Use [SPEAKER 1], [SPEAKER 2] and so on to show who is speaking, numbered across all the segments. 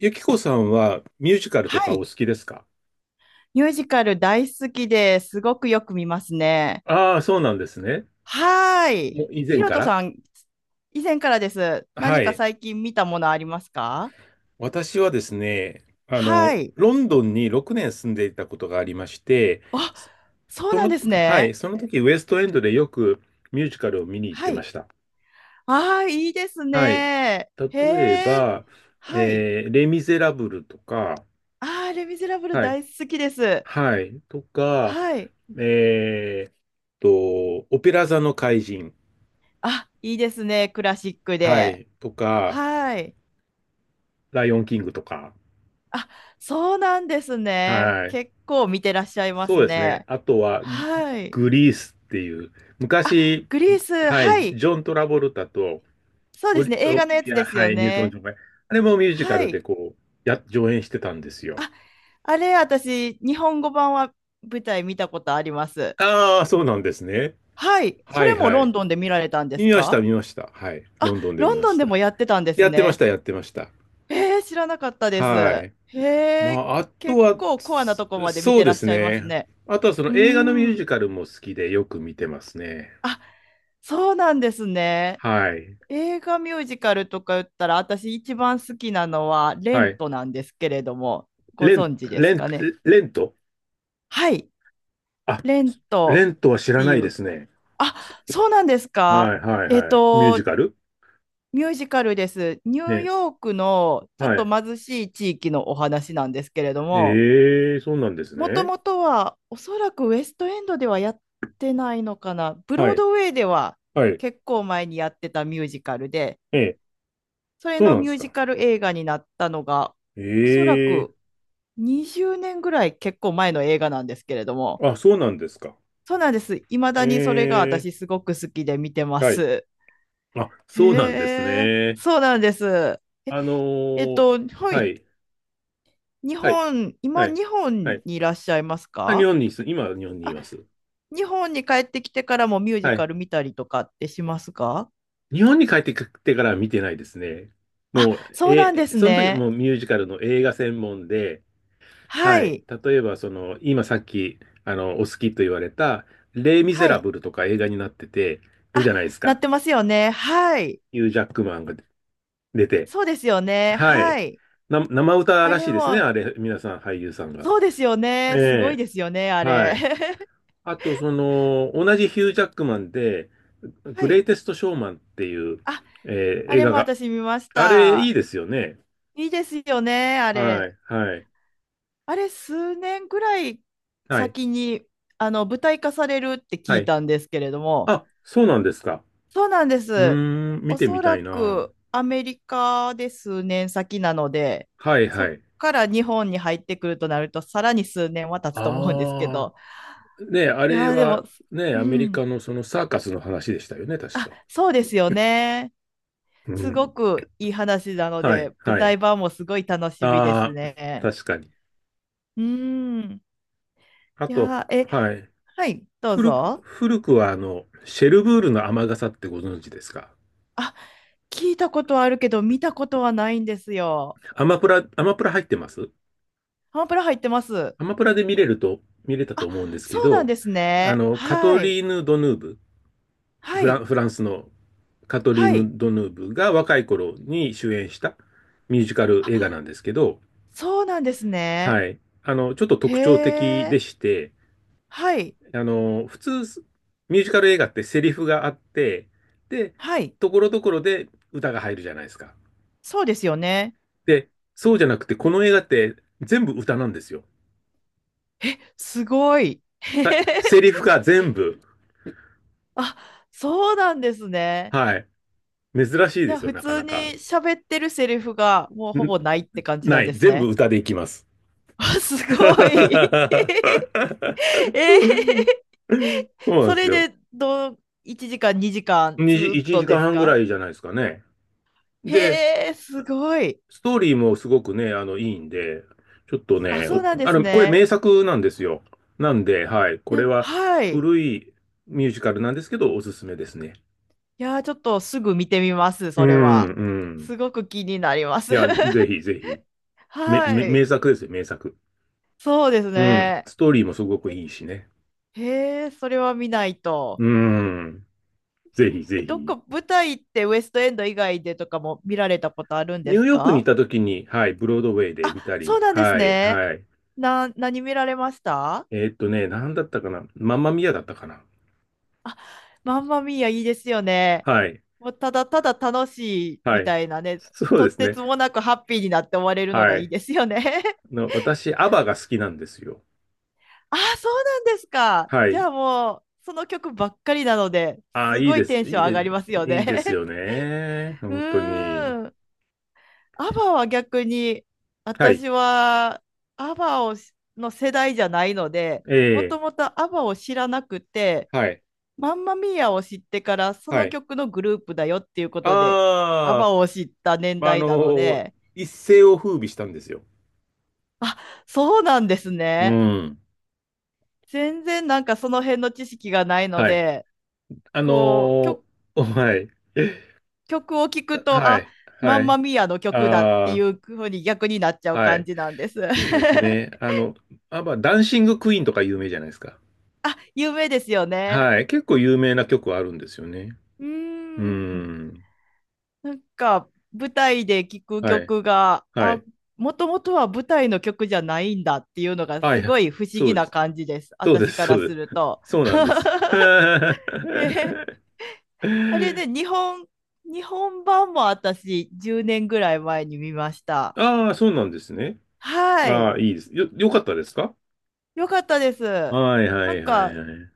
[SPEAKER 1] ゆきこさんはミュージカル
[SPEAKER 2] は
[SPEAKER 1] とかお
[SPEAKER 2] い。
[SPEAKER 1] 好きですか？
[SPEAKER 2] ミュージカル大好きで、すごくよく見ますね。
[SPEAKER 1] ああー、そうなんですね。
[SPEAKER 2] はー
[SPEAKER 1] も
[SPEAKER 2] い。
[SPEAKER 1] う以
[SPEAKER 2] ひ
[SPEAKER 1] 前
[SPEAKER 2] ろ
[SPEAKER 1] か
[SPEAKER 2] と
[SPEAKER 1] ら。
[SPEAKER 2] さん、以前からです。
[SPEAKER 1] は
[SPEAKER 2] 何か
[SPEAKER 1] い。
[SPEAKER 2] 最近見たものありますか？
[SPEAKER 1] 私はですね、
[SPEAKER 2] はい。
[SPEAKER 1] ロンドンに6年住んでいたことがありまして、
[SPEAKER 2] あ、そうなんです
[SPEAKER 1] はい、
[SPEAKER 2] ね。
[SPEAKER 1] その時ウエストエンドでよくミュージカルを見に行っ
[SPEAKER 2] は
[SPEAKER 1] てま
[SPEAKER 2] い。
[SPEAKER 1] した。
[SPEAKER 2] ああ、いいです
[SPEAKER 1] はい。
[SPEAKER 2] ね。へ
[SPEAKER 1] 例え
[SPEAKER 2] え。
[SPEAKER 1] ば、
[SPEAKER 2] はい。
[SPEAKER 1] レ・ミゼラブルとか、
[SPEAKER 2] ああ、レ・ミゼラブル
[SPEAKER 1] はい、
[SPEAKER 2] 大好きです。
[SPEAKER 1] はい、とか、
[SPEAKER 2] はい。
[SPEAKER 1] えーっオペラ座の怪人、
[SPEAKER 2] あ、いいですね。クラシック
[SPEAKER 1] は
[SPEAKER 2] で。
[SPEAKER 1] い、とか、
[SPEAKER 2] はい。
[SPEAKER 1] ライオンキングとか。
[SPEAKER 2] あ、そうなんですね。
[SPEAKER 1] はい。
[SPEAKER 2] 結構見てらっしゃいま
[SPEAKER 1] そう
[SPEAKER 2] す
[SPEAKER 1] ですね。
[SPEAKER 2] ね。
[SPEAKER 1] あとは、グ
[SPEAKER 2] はい。
[SPEAKER 1] グリースっていう、
[SPEAKER 2] あ、
[SPEAKER 1] 昔、
[SPEAKER 2] グリース、
[SPEAKER 1] はい、
[SPEAKER 2] はい。
[SPEAKER 1] ジョン・トラボルタと
[SPEAKER 2] そうですね。映
[SPEAKER 1] オ
[SPEAKER 2] 画の
[SPEAKER 1] リ
[SPEAKER 2] やつ
[SPEAKER 1] ビア、
[SPEAKER 2] です
[SPEAKER 1] は
[SPEAKER 2] よ
[SPEAKER 1] い、ニュートン・ジ
[SPEAKER 2] ね。
[SPEAKER 1] ョンが、あれもミュージカ
[SPEAKER 2] は
[SPEAKER 1] ルで
[SPEAKER 2] い。
[SPEAKER 1] こう、上演してたんですよ。
[SPEAKER 2] あ、あれ、私、日本語版は舞台見たことあります。
[SPEAKER 1] ああ、そうなんですね。
[SPEAKER 2] はい。そ
[SPEAKER 1] は
[SPEAKER 2] れ
[SPEAKER 1] い
[SPEAKER 2] も
[SPEAKER 1] は
[SPEAKER 2] ロン
[SPEAKER 1] い。
[SPEAKER 2] ドンで見られたんです
[SPEAKER 1] 見ました、
[SPEAKER 2] か？
[SPEAKER 1] 見ました。はい。
[SPEAKER 2] あ、
[SPEAKER 1] ロンドンで
[SPEAKER 2] ロ
[SPEAKER 1] 見
[SPEAKER 2] ン
[SPEAKER 1] ま
[SPEAKER 2] ドン
[SPEAKER 1] し
[SPEAKER 2] でも
[SPEAKER 1] た。
[SPEAKER 2] やってたんです
[SPEAKER 1] やってまし
[SPEAKER 2] ね。
[SPEAKER 1] た、やってました。
[SPEAKER 2] えー、知らなかったです。
[SPEAKER 1] はい。
[SPEAKER 2] へ
[SPEAKER 1] ま
[SPEAKER 2] え、
[SPEAKER 1] あ、あと
[SPEAKER 2] 結
[SPEAKER 1] は、
[SPEAKER 2] 構コアなとこ
[SPEAKER 1] そ
[SPEAKER 2] まで見
[SPEAKER 1] そう
[SPEAKER 2] てら
[SPEAKER 1] で
[SPEAKER 2] っ
[SPEAKER 1] す
[SPEAKER 2] しゃいます
[SPEAKER 1] ね。
[SPEAKER 2] ね。
[SPEAKER 1] あとはそ
[SPEAKER 2] う
[SPEAKER 1] の
[SPEAKER 2] ー
[SPEAKER 1] 映画のミュー
[SPEAKER 2] ん。
[SPEAKER 1] ジカルも好きでよく見てますね。
[SPEAKER 2] あ、そうなんですね。
[SPEAKER 1] はい。
[SPEAKER 2] 映画ミュージカルとか言ったら、私一番好きなのはレ
[SPEAKER 1] は
[SPEAKER 2] ン
[SPEAKER 1] い。
[SPEAKER 2] トなんですけれども、ご
[SPEAKER 1] レン、
[SPEAKER 2] 存知で
[SPEAKER 1] レ
[SPEAKER 2] す
[SPEAKER 1] ン、
[SPEAKER 2] かね。
[SPEAKER 1] レント。
[SPEAKER 2] はい、
[SPEAKER 1] あ、
[SPEAKER 2] レン
[SPEAKER 1] レ
[SPEAKER 2] ト
[SPEAKER 1] ントは知
[SPEAKER 2] っ
[SPEAKER 1] ら
[SPEAKER 2] て
[SPEAKER 1] な
[SPEAKER 2] い
[SPEAKER 1] いで
[SPEAKER 2] う。
[SPEAKER 1] すね。
[SPEAKER 2] あ、そうなんですか。
[SPEAKER 1] はい、はい、
[SPEAKER 2] えっ
[SPEAKER 1] はい。ミュージ
[SPEAKER 2] と、
[SPEAKER 1] カル
[SPEAKER 2] ミュージカルです。ニュー
[SPEAKER 1] ね。
[SPEAKER 2] ヨークのちょっ
[SPEAKER 1] は
[SPEAKER 2] と
[SPEAKER 1] い。
[SPEAKER 2] 貧しい地域のお話なんですけれども、
[SPEAKER 1] ええ、そうなんです
[SPEAKER 2] もと
[SPEAKER 1] ね。
[SPEAKER 2] もとはおそらくウエストエンドではやってないのかな。ブ
[SPEAKER 1] は
[SPEAKER 2] ロー
[SPEAKER 1] い、
[SPEAKER 2] ドウェイでは
[SPEAKER 1] はい。
[SPEAKER 2] 結構前にやってたミュージカルで、
[SPEAKER 1] ええ、
[SPEAKER 2] それ
[SPEAKER 1] そう
[SPEAKER 2] の
[SPEAKER 1] なんで
[SPEAKER 2] ミュー
[SPEAKER 1] す
[SPEAKER 2] ジ
[SPEAKER 1] か。
[SPEAKER 2] カル映画になったのが、
[SPEAKER 1] え
[SPEAKER 2] おそら
[SPEAKER 1] え、
[SPEAKER 2] く20年ぐらい結構前の映画なんですけれども、
[SPEAKER 1] あ、そうなんですか。
[SPEAKER 2] そうなんです。いまだにそれが
[SPEAKER 1] ええ、
[SPEAKER 2] 私すごく好きで見てま
[SPEAKER 1] はい。
[SPEAKER 2] す。
[SPEAKER 1] あ、そうなんです
[SPEAKER 2] へえ、
[SPEAKER 1] ね。
[SPEAKER 2] そうなんです。え、
[SPEAKER 1] あのー
[SPEAKER 2] は
[SPEAKER 1] は
[SPEAKER 2] い。
[SPEAKER 1] い、
[SPEAKER 2] 日
[SPEAKER 1] はい、
[SPEAKER 2] 本、
[SPEAKER 1] は
[SPEAKER 2] 今、
[SPEAKER 1] い、
[SPEAKER 2] 日本
[SPEAKER 1] はい。
[SPEAKER 2] にいらっしゃいます
[SPEAKER 1] あ、日
[SPEAKER 2] か？
[SPEAKER 1] 本にいす、今は日本にい
[SPEAKER 2] あ、
[SPEAKER 1] ます。
[SPEAKER 2] 日本に帰ってきてからもミュージ
[SPEAKER 1] は
[SPEAKER 2] カ
[SPEAKER 1] い。
[SPEAKER 2] ル見たりとかってしますか？
[SPEAKER 1] 日本に帰ってきてからは見てないですね。
[SPEAKER 2] あ、
[SPEAKER 1] もう、
[SPEAKER 2] そうなんです
[SPEAKER 1] その時は
[SPEAKER 2] ね。
[SPEAKER 1] もうミュージカルの映画専門で、は
[SPEAKER 2] は
[SPEAKER 1] い。
[SPEAKER 2] い。
[SPEAKER 1] 例えば、今さっき、お好きと言われた、レイ・ミゼ
[SPEAKER 2] は
[SPEAKER 1] ラ
[SPEAKER 2] い。
[SPEAKER 1] ブルとか映画になってて、るじ
[SPEAKER 2] あ、
[SPEAKER 1] ゃないです
[SPEAKER 2] なっ
[SPEAKER 1] か。
[SPEAKER 2] てますよね。はい。
[SPEAKER 1] ヒュー・ジャックマンが出て。
[SPEAKER 2] そうですよね。
[SPEAKER 1] は
[SPEAKER 2] は
[SPEAKER 1] い。
[SPEAKER 2] い。
[SPEAKER 1] 生歌
[SPEAKER 2] あ
[SPEAKER 1] らし
[SPEAKER 2] れ
[SPEAKER 1] いですね、
[SPEAKER 2] も、
[SPEAKER 1] あれ、皆さん、俳優さんが。
[SPEAKER 2] そうですよね。すごい
[SPEAKER 1] え
[SPEAKER 2] ですよね、あ
[SPEAKER 1] え、は
[SPEAKER 2] れ。
[SPEAKER 1] い。あと、同じヒュー・ジャックマンで、
[SPEAKER 2] は
[SPEAKER 1] グレイ
[SPEAKER 2] い。
[SPEAKER 1] テスト・ショーマンっていう、
[SPEAKER 2] あ、あ
[SPEAKER 1] 映
[SPEAKER 2] れ
[SPEAKER 1] 画
[SPEAKER 2] も
[SPEAKER 1] が、
[SPEAKER 2] 私見まし
[SPEAKER 1] あれ、い
[SPEAKER 2] た。
[SPEAKER 1] いですよね。
[SPEAKER 2] いいですよね、あ
[SPEAKER 1] は
[SPEAKER 2] れ。
[SPEAKER 1] い、はい、
[SPEAKER 2] あれ、数年ぐらい
[SPEAKER 1] はい、
[SPEAKER 2] 先に、舞台化されるって聞
[SPEAKER 1] は
[SPEAKER 2] い
[SPEAKER 1] い。
[SPEAKER 2] たんですけれども、
[SPEAKER 1] あ、そうなんですか。
[SPEAKER 2] そうなんで
[SPEAKER 1] うー
[SPEAKER 2] す。
[SPEAKER 1] ん、見
[SPEAKER 2] お
[SPEAKER 1] てみ
[SPEAKER 2] そ
[SPEAKER 1] た
[SPEAKER 2] ら
[SPEAKER 1] いな。
[SPEAKER 2] くアメリカで数年先なので、
[SPEAKER 1] はい、
[SPEAKER 2] そ
[SPEAKER 1] は
[SPEAKER 2] っ
[SPEAKER 1] い。
[SPEAKER 2] から日本に入ってくるとなると、さらに数年は経つと思うんですけ
[SPEAKER 1] あ
[SPEAKER 2] ど、
[SPEAKER 1] あ、ねえ、あ
[SPEAKER 2] い
[SPEAKER 1] れ
[SPEAKER 2] やー、で
[SPEAKER 1] は、
[SPEAKER 2] も、
[SPEAKER 1] ねえ、
[SPEAKER 2] う
[SPEAKER 1] アメリ
[SPEAKER 2] ん。
[SPEAKER 1] カのそのサーカスの話でしたよね、確
[SPEAKER 2] あ、
[SPEAKER 1] か。
[SPEAKER 2] そうですよね。
[SPEAKER 1] う
[SPEAKER 2] すご
[SPEAKER 1] ん。
[SPEAKER 2] くいい話なの
[SPEAKER 1] は
[SPEAKER 2] で、
[SPEAKER 1] い、
[SPEAKER 2] 舞
[SPEAKER 1] は
[SPEAKER 2] 台
[SPEAKER 1] い。
[SPEAKER 2] 版もすごい楽しみです
[SPEAKER 1] ああ、
[SPEAKER 2] ね。
[SPEAKER 1] 確かに。
[SPEAKER 2] うーん。
[SPEAKER 1] あ
[SPEAKER 2] い
[SPEAKER 1] と、
[SPEAKER 2] やー、え、
[SPEAKER 1] はい。
[SPEAKER 2] はい、どうぞ。
[SPEAKER 1] 古くは、シェルブールの雨傘ってご存知ですか？
[SPEAKER 2] あ、聞いたことはあるけど、見たことはないんですよ。
[SPEAKER 1] アマプラ入ってます？
[SPEAKER 2] ハンプラ入ってます。
[SPEAKER 1] アマプラで見れたと
[SPEAKER 2] あ、
[SPEAKER 1] 思うんですけ
[SPEAKER 2] そうなん
[SPEAKER 1] ど、
[SPEAKER 2] ですね。
[SPEAKER 1] カト
[SPEAKER 2] はい、
[SPEAKER 1] リーヌ・ドヌーブ、
[SPEAKER 2] はい、
[SPEAKER 1] フランスのカトリー
[SPEAKER 2] は
[SPEAKER 1] ヌ・
[SPEAKER 2] い。
[SPEAKER 1] ドヌーブが若い頃に主演したミュージカル映画
[SPEAKER 2] あ、
[SPEAKER 1] なんですけど、
[SPEAKER 2] そうなんですね。
[SPEAKER 1] はい。ちょっと
[SPEAKER 2] へ
[SPEAKER 1] 特徴的で
[SPEAKER 2] え、
[SPEAKER 1] して、
[SPEAKER 2] はい、
[SPEAKER 1] 普通、ミュージカル映画ってセリフがあって、で、
[SPEAKER 2] はい。
[SPEAKER 1] ところどころで歌が入るじゃないですか。
[SPEAKER 2] そうですよね。
[SPEAKER 1] で、そうじゃなくて、この映画って全部歌なんですよ。
[SPEAKER 2] すごい。
[SPEAKER 1] はい、 セリフが全部。
[SPEAKER 2] あ、そうなんですね。
[SPEAKER 1] はい。珍しい
[SPEAKER 2] じ
[SPEAKER 1] で
[SPEAKER 2] ゃあ
[SPEAKER 1] すよ、
[SPEAKER 2] 普
[SPEAKER 1] なか
[SPEAKER 2] 通
[SPEAKER 1] な
[SPEAKER 2] に
[SPEAKER 1] か。
[SPEAKER 2] 喋ってるセリフがもうほ
[SPEAKER 1] ん
[SPEAKER 2] ぼないって感じな
[SPEAKER 1] な
[SPEAKER 2] ん
[SPEAKER 1] い。
[SPEAKER 2] です
[SPEAKER 1] 全部
[SPEAKER 2] ね。
[SPEAKER 1] 歌でいきます。
[SPEAKER 2] あす ご
[SPEAKER 1] そ
[SPEAKER 2] い。えー、
[SPEAKER 1] うなんで
[SPEAKER 2] そ
[SPEAKER 1] す
[SPEAKER 2] れ
[SPEAKER 1] よ。
[SPEAKER 2] でどう1時間2時間
[SPEAKER 1] 2
[SPEAKER 2] ず
[SPEAKER 1] じ
[SPEAKER 2] ーっ
[SPEAKER 1] 1
[SPEAKER 2] とで
[SPEAKER 1] 時
[SPEAKER 2] す
[SPEAKER 1] 間半ぐら
[SPEAKER 2] か？
[SPEAKER 1] いじゃないですかね。で、
[SPEAKER 2] へえ、すごい。
[SPEAKER 1] ストーリーもすごくね、いいんで、ちょっと
[SPEAKER 2] あ、
[SPEAKER 1] ね、
[SPEAKER 2] そう
[SPEAKER 1] お
[SPEAKER 2] なんで
[SPEAKER 1] あ
[SPEAKER 2] す
[SPEAKER 1] の、これ
[SPEAKER 2] ね。
[SPEAKER 1] 名作なんですよ。なんで、はい、これ
[SPEAKER 2] え
[SPEAKER 1] は
[SPEAKER 2] はい。い
[SPEAKER 1] 古いミュージカルなんですけど、おすすめですね。
[SPEAKER 2] やー、ちょっとすぐ見てみます、
[SPEAKER 1] う
[SPEAKER 2] それ
[SPEAKER 1] ん、
[SPEAKER 2] は。
[SPEAKER 1] うん。
[SPEAKER 2] すごく気になりま
[SPEAKER 1] い
[SPEAKER 2] す。
[SPEAKER 1] や、ぜひぜひ。
[SPEAKER 2] は
[SPEAKER 1] 名
[SPEAKER 2] い。
[SPEAKER 1] 作ですよ、名作。
[SPEAKER 2] そうです
[SPEAKER 1] うん。
[SPEAKER 2] ね。
[SPEAKER 1] ストーリーもすごく
[SPEAKER 2] え、
[SPEAKER 1] いいしね。
[SPEAKER 2] へえ、それは見ないと。
[SPEAKER 1] うん。ぜひぜ
[SPEAKER 2] で、どっ
[SPEAKER 1] ひ。
[SPEAKER 2] か舞台ってウエストエンド以外でとかも見られたことあるんで
[SPEAKER 1] ニュー
[SPEAKER 2] す
[SPEAKER 1] ヨークに行っ
[SPEAKER 2] か？
[SPEAKER 1] た時に、はい、ブロードウェイで
[SPEAKER 2] あ、
[SPEAKER 1] 見た
[SPEAKER 2] そ
[SPEAKER 1] り、
[SPEAKER 2] うなんです
[SPEAKER 1] はい、
[SPEAKER 2] ね。
[SPEAKER 1] はい。
[SPEAKER 2] な、何見られました？
[SPEAKER 1] なんだったかな。マンマミアだったかな。
[SPEAKER 2] あ、マンマミーアいいですよね。
[SPEAKER 1] はい、
[SPEAKER 2] もうただただ楽しい
[SPEAKER 1] は
[SPEAKER 2] み
[SPEAKER 1] い。
[SPEAKER 2] たいなね、
[SPEAKER 1] そう
[SPEAKER 2] と
[SPEAKER 1] で
[SPEAKER 2] っ
[SPEAKER 1] す
[SPEAKER 2] て
[SPEAKER 1] ね。
[SPEAKER 2] つもなくハッピーになって終われるのが
[SPEAKER 1] は
[SPEAKER 2] いい
[SPEAKER 1] い。
[SPEAKER 2] ですよね。
[SPEAKER 1] 私、アバが好きなんですよ。
[SPEAKER 2] あ、そうなんですか。
[SPEAKER 1] は
[SPEAKER 2] じ
[SPEAKER 1] い。
[SPEAKER 2] ゃあもう、その曲ばっかりなので、
[SPEAKER 1] ああ、
[SPEAKER 2] す
[SPEAKER 1] いい
[SPEAKER 2] ご
[SPEAKER 1] で
[SPEAKER 2] い
[SPEAKER 1] す。
[SPEAKER 2] テンション上がりますよ
[SPEAKER 1] いいです
[SPEAKER 2] ね。
[SPEAKER 1] よね。
[SPEAKER 2] う
[SPEAKER 1] 本当に。
[SPEAKER 2] ーん。アバは逆に、
[SPEAKER 1] はい。
[SPEAKER 2] 私はアバをしの世代じゃないので、も
[SPEAKER 1] ええ、
[SPEAKER 2] ともとアバを知らなくて、
[SPEAKER 1] はい。
[SPEAKER 2] マンマミーアを知ってから、そ
[SPEAKER 1] は
[SPEAKER 2] の
[SPEAKER 1] い。
[SPEAKER 2] 曲のグループだよっていうことで、ア
[SPEAKER 1] ああ、
[SPEAKER 2] バを知った年
[SPEAKER 1] まあ、
[SPEAKER 2] 代なので、
[SPEAKER 1] 一世を風靡したんですよ。
[SPEAKER 2] あ、そうなんです
[SPEAKER 1] う
[SPEAKER 2] ね。
[SPEAKER 1] ん。
[SPEAKER 2] 全然なんかその辺の知識がないの
[SPEAKER 1] はい。
[SPEAKER 2] で、
[SPEAKER 1] あの
[SPEAKER 2] こう、
[SPEAKER 1] ー
[SPEAKER 2] 曲、
[SPEAKER 1] はい。
[SPEAKER 2] 曲を聴くと、
[SPEAKER 1] は
[SPEAKER 2] あ、
[SPEAKER 1] い。
[SPEAKER 2] マ
[SPEAKER 1] は
[SPEAKER 2] ンマ
[SPEAKER 1] い。
[SPEAKER 2] ミーアの曲だっ
[SPEAKER 1] あ
[SPEAKER 2] てい
[SPEAKER 1] あ。
[SPEAKER 2] うふうに逆になっちゃう
[SPEAKER 1] は
[SPEAKER 2] 感
[SPEAKER 1] い。
[SPEAKER 2] じなんです。
[SPEAKER 1] そうですね。あ、まあ、ダンシングクイーンとか有名じゃないですか。
[SPEAKER 2] 有名ですよね。
[SPEAKER 1] はい。結構有名な曲はあるんですよね。
[SPEAKER 2] うー
[SPEAKER 1] うー
[SPEAKER 2] ん。
[SPEAKER 1] ん。
[SPEAKER 2] なんか、舞台で聴く
[SPEAKER 1] はい。
[SPEAKER 2] 曲が、
[SPEAKER 1] は
[SPEAKER 2] あ、
[SPEAKER 1] い。
[SPEAKER 2] もともとは舞台の曲じゃないんだっていうのが
[SPEAKER 1] は
[SPEAKER 2] す
[SPEAKER 1] い。
[SPEAKER 2] ごい不思
[SPEAKER 1] そう
[SPEAKER 2] 議
[SPEAKER 1] で
[SPEAKER 2] な
[SPEAKER 1] す。
[SPEAKER 2] 感じです。
[SPEAKER 1] そうで
[SPEAKER 2] 私
[SPEAKER 1] す。
[SPEAKER 2] か
[SPEAKER 1] そ
[SPEAKER 2] ら
[SPEAKER 1] う
[SPEAKER 2] す
[SPEAKER 1] で
[SPEAKER 2] る
[SPEAKER 1] す。
[SPEAKER 2] と。
[SPEAKER 1] そうなんです。
[SPEAKER 2] えー あれね、日本、日本版も私10年ぐらい前に見ました。
[SPEAKER 1] ああ、そうなんですね。
[SPEAKER 2] は
[SPEAKER 1] あ
[SPEAKER 2] い。
[SPEAKER 1] あ、いいです。よかったですか？
[SPEAKER 2] よかったです。
[SPEAKER 1] はい、は
[SPEAKER 2] なん
[SPEAKER 1] い、はい、
[SPEAKER 2] か、
[SPEAKER 1] はい。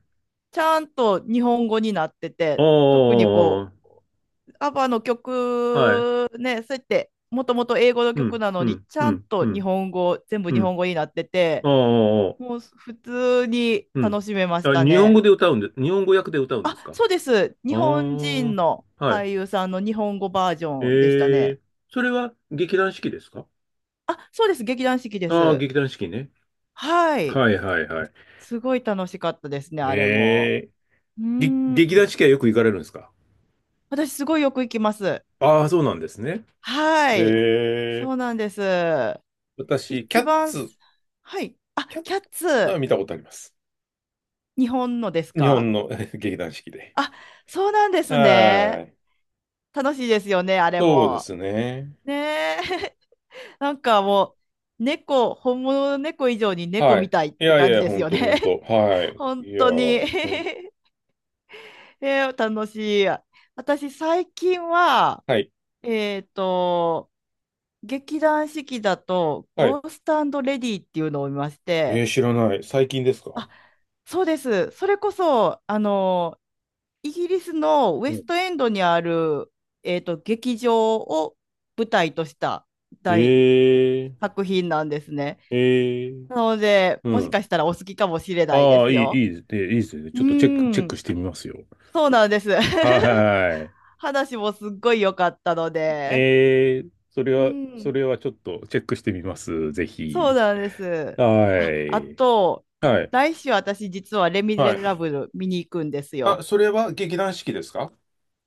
[SPEAKER 2] ちゃんと日本語になって
[SPEAKER 1] あ
[SPEAKER 2] て、特にこ
[SPEAKER 1] あ、
[SPEAKER 2] アバの
[SPEAKER 1] はい。
[SPEAKER 2] 曲ね、そうやってもともと英語の
[SPEAKER 1] う
[SPEAKER 2] 曲
[SPEAKER 1] ん、
[SPEAKER 2] なの
[SPEAKER 1] う
[SPEAKER 2] に、
[SPEAKER 1] ん、
[SPEAKER 2] ち
[SPEAKER 1] う
[SPEAKER 2] ゃん
[SPEAKER 1] ん、
[SPEAKER 2] と
[SPEAKER 1] う
[SPEAKER 2] 日
[SPEAKER 1] ん、
[SPEAKER 2] 本語、全部
[SPEAKER 1] う
[SPEAKER 2] 日
[SPEAKER 1] ん。
[SPEAKER 2] 本語になってて、
[SPEAKER 1] ああ、
[SPEAKER 2] もう普通に
[SPEAKER 1] うん。
[SPEAKER 2] 楽しめまし
[SPEAKER 1] あ、
[SPEAKER 2] た
[SPEAKER 1] 日本
[SPEAKER 2] ね。
[SPEAKER 1] 語で歌うんで、日本語訳で歌うんで
[SPEAKER 2] あ、
[SPEAKER 1] すか？
[SPEAKER 2] そうです。日本
[SPEAKER 1] あ
[SPEAKER 2] 人の
[SPEAKER 1] あ、はい。
[SPEAKER 2] 俳優さんの日本語バージョンでした
[SPEAKER 1] え
[SPEAKER 2] ね。
[SPEAKER 1] え、それは劇団四季ですか？
[SPEAKER 2] あ、そうです。劇団四季で
[SPEAKER 1] ああー、
[SPEAKER 2] す。
[SPEAKER 1] 劇団四季ね。
[SPEAKER 2] はい。
[SPEAKER 1] はいはいはい。
[SPEAKER 2] すごい楽しかったですね、あれも。
[SPEAKER 1] ええ、
[SPEAKER 2] うー
[SPEAKER 1] 劇団
[SPEAKER 2] ん。
[SPEAKER 1] 四季はよく行かれるんですか？
[SPEAKER 2] 私、すごいよく行きます。
[SPEAKER 1] ああー、そうなんですね。
[SPEAKER 2] はい。
[SPEAKER 1] え
[SPEAKER 2] そ
[SPEAKER 1] え、
[SPEAKER 2] うなんです。
[SPEAKER 1] 私、
[SPEAKER 2] 一番、はい。あ、
[SPEAKER 1] キャッ
[SPEAKER 2] キャッ
[SPEAKER 1] ツは
[SPEAKER 2] ツ。
[SPEAKER 1] 見たことあります。
[SPEAKER 2] 日本のです
[SPEAKER 1] 日
[SPEAKER 2] か？
[SPEAKER 1] 本の 劇団四季で。
[SPEAKER 2] あ、そうなんです
[SPEAKER 1] は
[SPEAKER 2] ね。
[SPEAKER 1] い。
[SPEAKER 2] 楽しいですよね、あれ
[SPEAKER 1] そうで
[SPEAKER 2] も。
[SPEAKER 1] すね。
[SPEAKER 2] ねえ。なんかもう、猫、本物の猫以上に猫
[SPEAKER 1] は
[SPEAKER 2] み
[SPEAKER 1] い。
[SPEAKER 2] たいっ
[SPEAKER 1] い
[SPEAKER 2] て
[SPEAKER 1] やい
[SPEAKER 2] 感じ
[SPEAKER 1] や、
[SPEAKER 2] です
[SPEAKER 1] ほん
[SPEAKER 2] よ
[SPEAKER 1] とほん
[SPEAKER 2] ね。
[SPEAKER 1] と。は い。
[SPEAKER 2] 本
[SPEAKER 1] いや、
[SPEAKER 2] 当に。えー楽しい。私、最近は、
[SPEAKER 1] はい。
[SPEAKER 2] えっと、劇団四季だと、
[SPEAKER 1] はい。
[SPEAKER 2] ゴーストレディっていうのを見まし
[SPEAKER 1] え
[SPEAKER 2] て、
[SPEAKER 1] ー、知らない。最近ですか？
[SPEAKER 2] あ、そうです。それこそ、イギリスのウ
[SPEAKER 1] う
[SPEAKER 2] ェ
[SPEAKER 1] ん。
[SPEAKER 2] ストエンドにある、えーと、劇場を舞台とした
[SPEAKER 1] え
[SPEAKER 2] 大
[SPEAKER 1] ー、
[SPEAKER 2] 作品なんですね。
[SPEAKER 1] えー。
[SPEAKER 2] なので、
[SPEAKER 1] う
[SPEAKER 2] もし
[SPEAKER 1] ん。
[SPEAKER 2] かしたらお好きかもしれないで
[SPEAKER 1] ああ、
[SPEAKER 2] すよ。
[SPEAKER 1] いいですね。いいですね。
[SPEAKER 2] う
[SPEAKER 1] ちょっとチェ
[SPEAKER 2] ー
[SPEAKER 1] ック
[SPEAKER 2] ん、
[SPEAKER 1] してみますよ。
[SPEAKER 2] そうなんです。
[SPEAKER 1] は い。
[SPEAKER 2] 話もすっごい良かったので。う
[SPEAKER 1] そ
[SPEAKER 2] ん、
[SPEAKER 1] れはちょっとチェックしてみます。ぜ
[SPEAKER 2] そう
[SPEAKER 1] ひ。
[SPEAKER 2] なんです。
[SPEAKER 1] は
[SPEAKER 2] あ、あ
[SPEAKER 1] い。
[SPEAKER 2] と、
[SPEAKER 1] はい。
[SPEAKER 2] 来週私実はレ・ミ
[SPEAKER 1] は
[SPEAKER 2] ゼ
[SPEAKER 1] い。
[SPEAKER 2] ラブル見に行くんです
[SPEAKER 1] あ、
[SPEAKER 2] よ。
[SPEAKER 1] それは劇団四季ですか？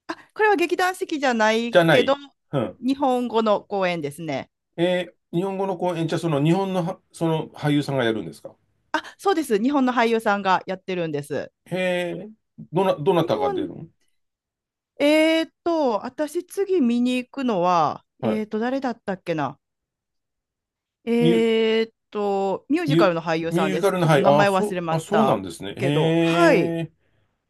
[SPEAKER 2] あ、これは劇団四季じゃな
[SPEAKER 1] じ
[SPEAKER 2] い
[SPEAKER 1] ゃな
[SPEAKER 2] けど、
[SPEAKER 1] い。うん。
[SPEAKER 2] 日本語の公演ですね。
[SPEAKER 1] 日本語の公演、じゃあその日本のは、その俳優さんがやるんですか？
[SPEAKER 2] あ、そうです。日本の俳優さんがやってるんです。
[SPEAKER 1] へえ、どな
[SPEAKER 2] 日
[SPEAKER 1] たが出る
[SPEAKER 2] 本、
[SPEAKER 1] の？
[SPEAKER 2] えーっと、私次見に行くのは、
[SPEAKER 1] は
[SPEAKER 2] えー
[SPEAKER 1] い。
[SPEAKER 2] っと、誰だったっけな。え
[SPEAKER 1] ミュ、
[SPEAKER 2] ーっと、ミュー
[SPEAKER 1] ミ
[SPEAKER 2] ジカ
[SPEAKER 1] ュ、
[SPEAKER 2] ルの俳優
[SPEAKER 1] ミ
[SPEAKER 2] さ
[SPEAKER 1] ュ
[SPEAKER 2] ん
[SPEAKER 1] ージ
[SPEAKER 2] で
[SPEAKER 1] カ
[SPEAKER 2] す。
[SPEAKER 1] ルの、
[SPEAKER 2] ちょっ
[SPEAKER 1] は
[SPEAKER 2] と
[SPEAKER 1] い。
[SPEAKER 2] 名前忘れま
[SPEAKER 1] あ、
[SPEAKER 2] し
[SPEAKER 1] そうなん
[SPEAKER 2] た
[SPEAKER 1] ですね。
[SPEAKER 2] けど、はい、
[SPEAKER 1] へえ。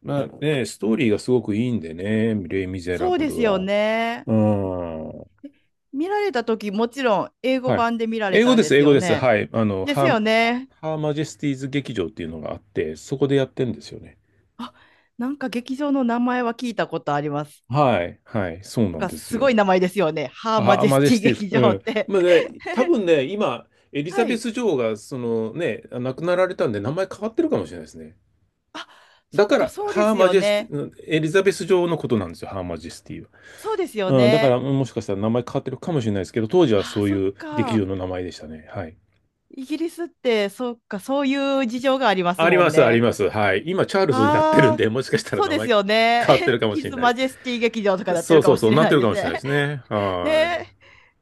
[SPEAKER 1] まあね、ストーリーがすごくいいんでね、レイ・ミゼラ
[SPEAKER 2] そう
[SPEAKER 1] ブ
[SPEAKER 2] で
[SPEAKER 1] ル
[SPEAKER 2] すよ
[SPEAKER 1] は。
[SPEAKER 2] ね。
[SPEAKER 1] うん。
[SPEAKER 2] 見られた時、もちろん英語
[SPEAKER 1] はい。
[SPEAKER 2] 版で見られ
[SPEAKER 1] 英語
[SPEAKER 2] たん
[SPEAKER 1] で
[SPEAKER 2] で
[SPEAKER 1] す、
[SPEAKER 2] す
[SPEAKER 1] 英語
[SPEAKER 2] よ
[SPEAKER 1] です。
[SPEAKER 2] ね。
[SPEAKER 1] はい。
[SPEAKER 2] ですよね。
[SPEAKER 1] ハーマジェスティーズ劇場っていうのがあって、そこでやってんですよね。
[SPEAKER 2] あ、なんか劇場の名前は聞いたことあります。
[SPEAKER 1] はい。はい。そう
[SPEAKER 2] なん
[SPEAKER 1] なん
[SPEAKER 2] か
[SPEAKER 1] です
[SPEAKER 2] すごい
[SPEAKER 1] よ。
[SPEAKER 2] 名前ですよね。ハーマ
[SPEAKER 1] ハー
[SPEAKER 2] ジェ
[SPEAKER 1] マ
[SPEAKER 2] ス
[SPEAKER 1] ジェ
[SPEAKER 2] ティ
[SPEAKER 1] スティーズ。
[SPEAKER 2] 劇
[SPEAKER 1] う
[SPEAKER 2] 場っ
[SPEAKER 1] ん。
[SPEAKER 2] て。
[SPEAKER 1] まあね、多分ね、今、エ リザ
[SPEAKER 2] は
[SPEAKER 1] ベ
[SPEAKER 2] い。
[SPEAKER 1] ス女王が、そのね、亡くなられたんで、名前変わってるかもしれないですね。
[SPEAKER 2] あ、
[SPEAKER 1] だ
[SPEAKER 2] そっ
[SPEAKER 1] か
[SPEAKER 2] か、
[SPEAKER 1] ら、
[SPEAKER 2] そうで
[SPEAKER 1] ハー
[SPEAKER 2] す
[SPEAKER 1] マ
[SPEAKER 2] よ
[SPEAKER 1] ジェステ
[SPEAKER 2] ね。
[SPEAKER 1] ィ、エリザベス女王のことなんですよ、ハーマジェスティ。
[SPEAKER 2] そうですよ
[SPEAKER 1] うん、だから
[SPEAKER 2] ね。
[SPEAKER 1] もしかしたら名前変わってるかもしれないですけど、当時は
[SPEAKER 2] あ、
[SPEAKER 1] そう
[SPEAKER 2] そっ
[SPEAKER 1] いう劇場
[SPEAKER 2] か。
[SPEAKER 1] の名前でしたね。はい。
[SPEAKER 2] イギリスって、そっか、そういう事情があります
[SPEAKER 1] あり
[SPEAKER 2] も
[SPEAKER 1] ま
[SPEAKER 2] ん
[SPEAKER 1] す、あり
[SPEAKER 2] ね。
[SPEAKER 1] ます。はい。今、チャールズになってるん
[SPEAKER 2] ああ、
[SPEAKER 1] で、もしかしたら
[SPEAKER 2] そう
[SPEAKER 1] 名
[SPEAKER 2] です
[SPEAKER 1] 前
[SPEAKER 2] よね。
[SPEAKER 1] 変わってる かもし
[SPEAKER 2] ヒ
[SPEAKER 1] れ
[SPEAKER 2] ズ・
[SPEAKER 1] ない。
[SPEAKER 2] マジェスティ劇場とかやって
[SPEAKER 1] そ
[SPEAKER 2] る
[SPEAKER 1] う
[SPEAKER 2] か
[SPEAKER 1] そう
[SPEAKER 2] も
[SPEAKER 1] そ
[SPEAKER 2] し
[SPEAKER 1] う、
[SPEAKER 2] れ
[SPEAKER 1] なっ
[SPEAKER 2] な
[SPEAKER 1] て
[SPEAKER 2] い
[SPEAKER 1] る
[SPEAKER 2] で
[SPEAKER 1] か
[SPEAKER 2] す
[SPEAKER 1] もしれないで
[SPEAKER 2] ね。
[SPEAKER 1] すね。
[SPEAKER 2] ね
[SPEAKER 1] は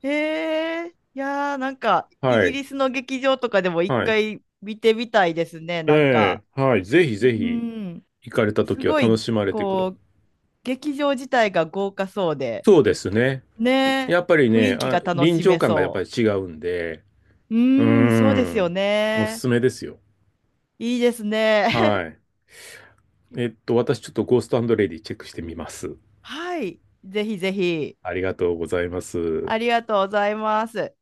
[SPEAKER 2] え。えー、いやー、なんか、
[SPEAKER 1] い。
[SPEAKER 2] イ
[SPEAKER 1] は
[SPEAKER 2] ギ
[SPEAKER 1] い。
[SPEAKER 2] リスの劇場とかでも一
[SPEAKER 1] はい。
[SPEAKER 2] 回見てみたいですね。なん
[SPEAKER 1] え
[SPEAKER 2] か、
[SPEAKER 1] え、はい。ぜひ
[SPEAKER 2] う
[SPEAKER 1] ぜひ、
[SPEAKER 2] ん、
[SPEAKER 1] 行かれた
[SPEAKER 2] す
[SPEAKER 1] 時は
[SPEAKER 2] ご
[SPEAKER 1] 楽
[SPEAKER 2] い、
[SPEAKER 1] しまれてください。
[SPEAKER 2] こう、劇場自体が豪華そうで、
[SPEAKER 1] そうですね。
[SPEAKER 2] ねえ、
[SPEAKER 1] やっぱり
[SPEAKER 2] 雰
[SPEAKER 1] ね、
[SPEAKER 2] 囲気
[SPEAKER 1] あ、
[SPEAKER 2] が楽
[SPEAKER 1] 臨
[SPEAKER 2] し
[SPEAKER 1] 場
[SPEAKER 2] め
[SPEAKER 1] 感がやっぱ
[SPEAKER 2] そ
[SPEAKER 1] り
[SPEAKER 2] う。
[SPEAKER 1] 違うんで、
[SPEAKER 2] う
[SPEAKER 1] うー
[SPEAKER 2] ーん、そうですよ
[SPEAKER 1] ん、おす
[SPEAKER 2] ね。
[SPEAKER 1] すめですよ。
[SPEAKER 2] いいですね。
[SPEAKER 1] はい。私ちょっとゴーストレディチェックしてみます。
[SPEAKER 2] はい。ぜひぜひ。
[SPEAKER 1] ありがとうございます。
[SPEAKER 2] ありがとうございます。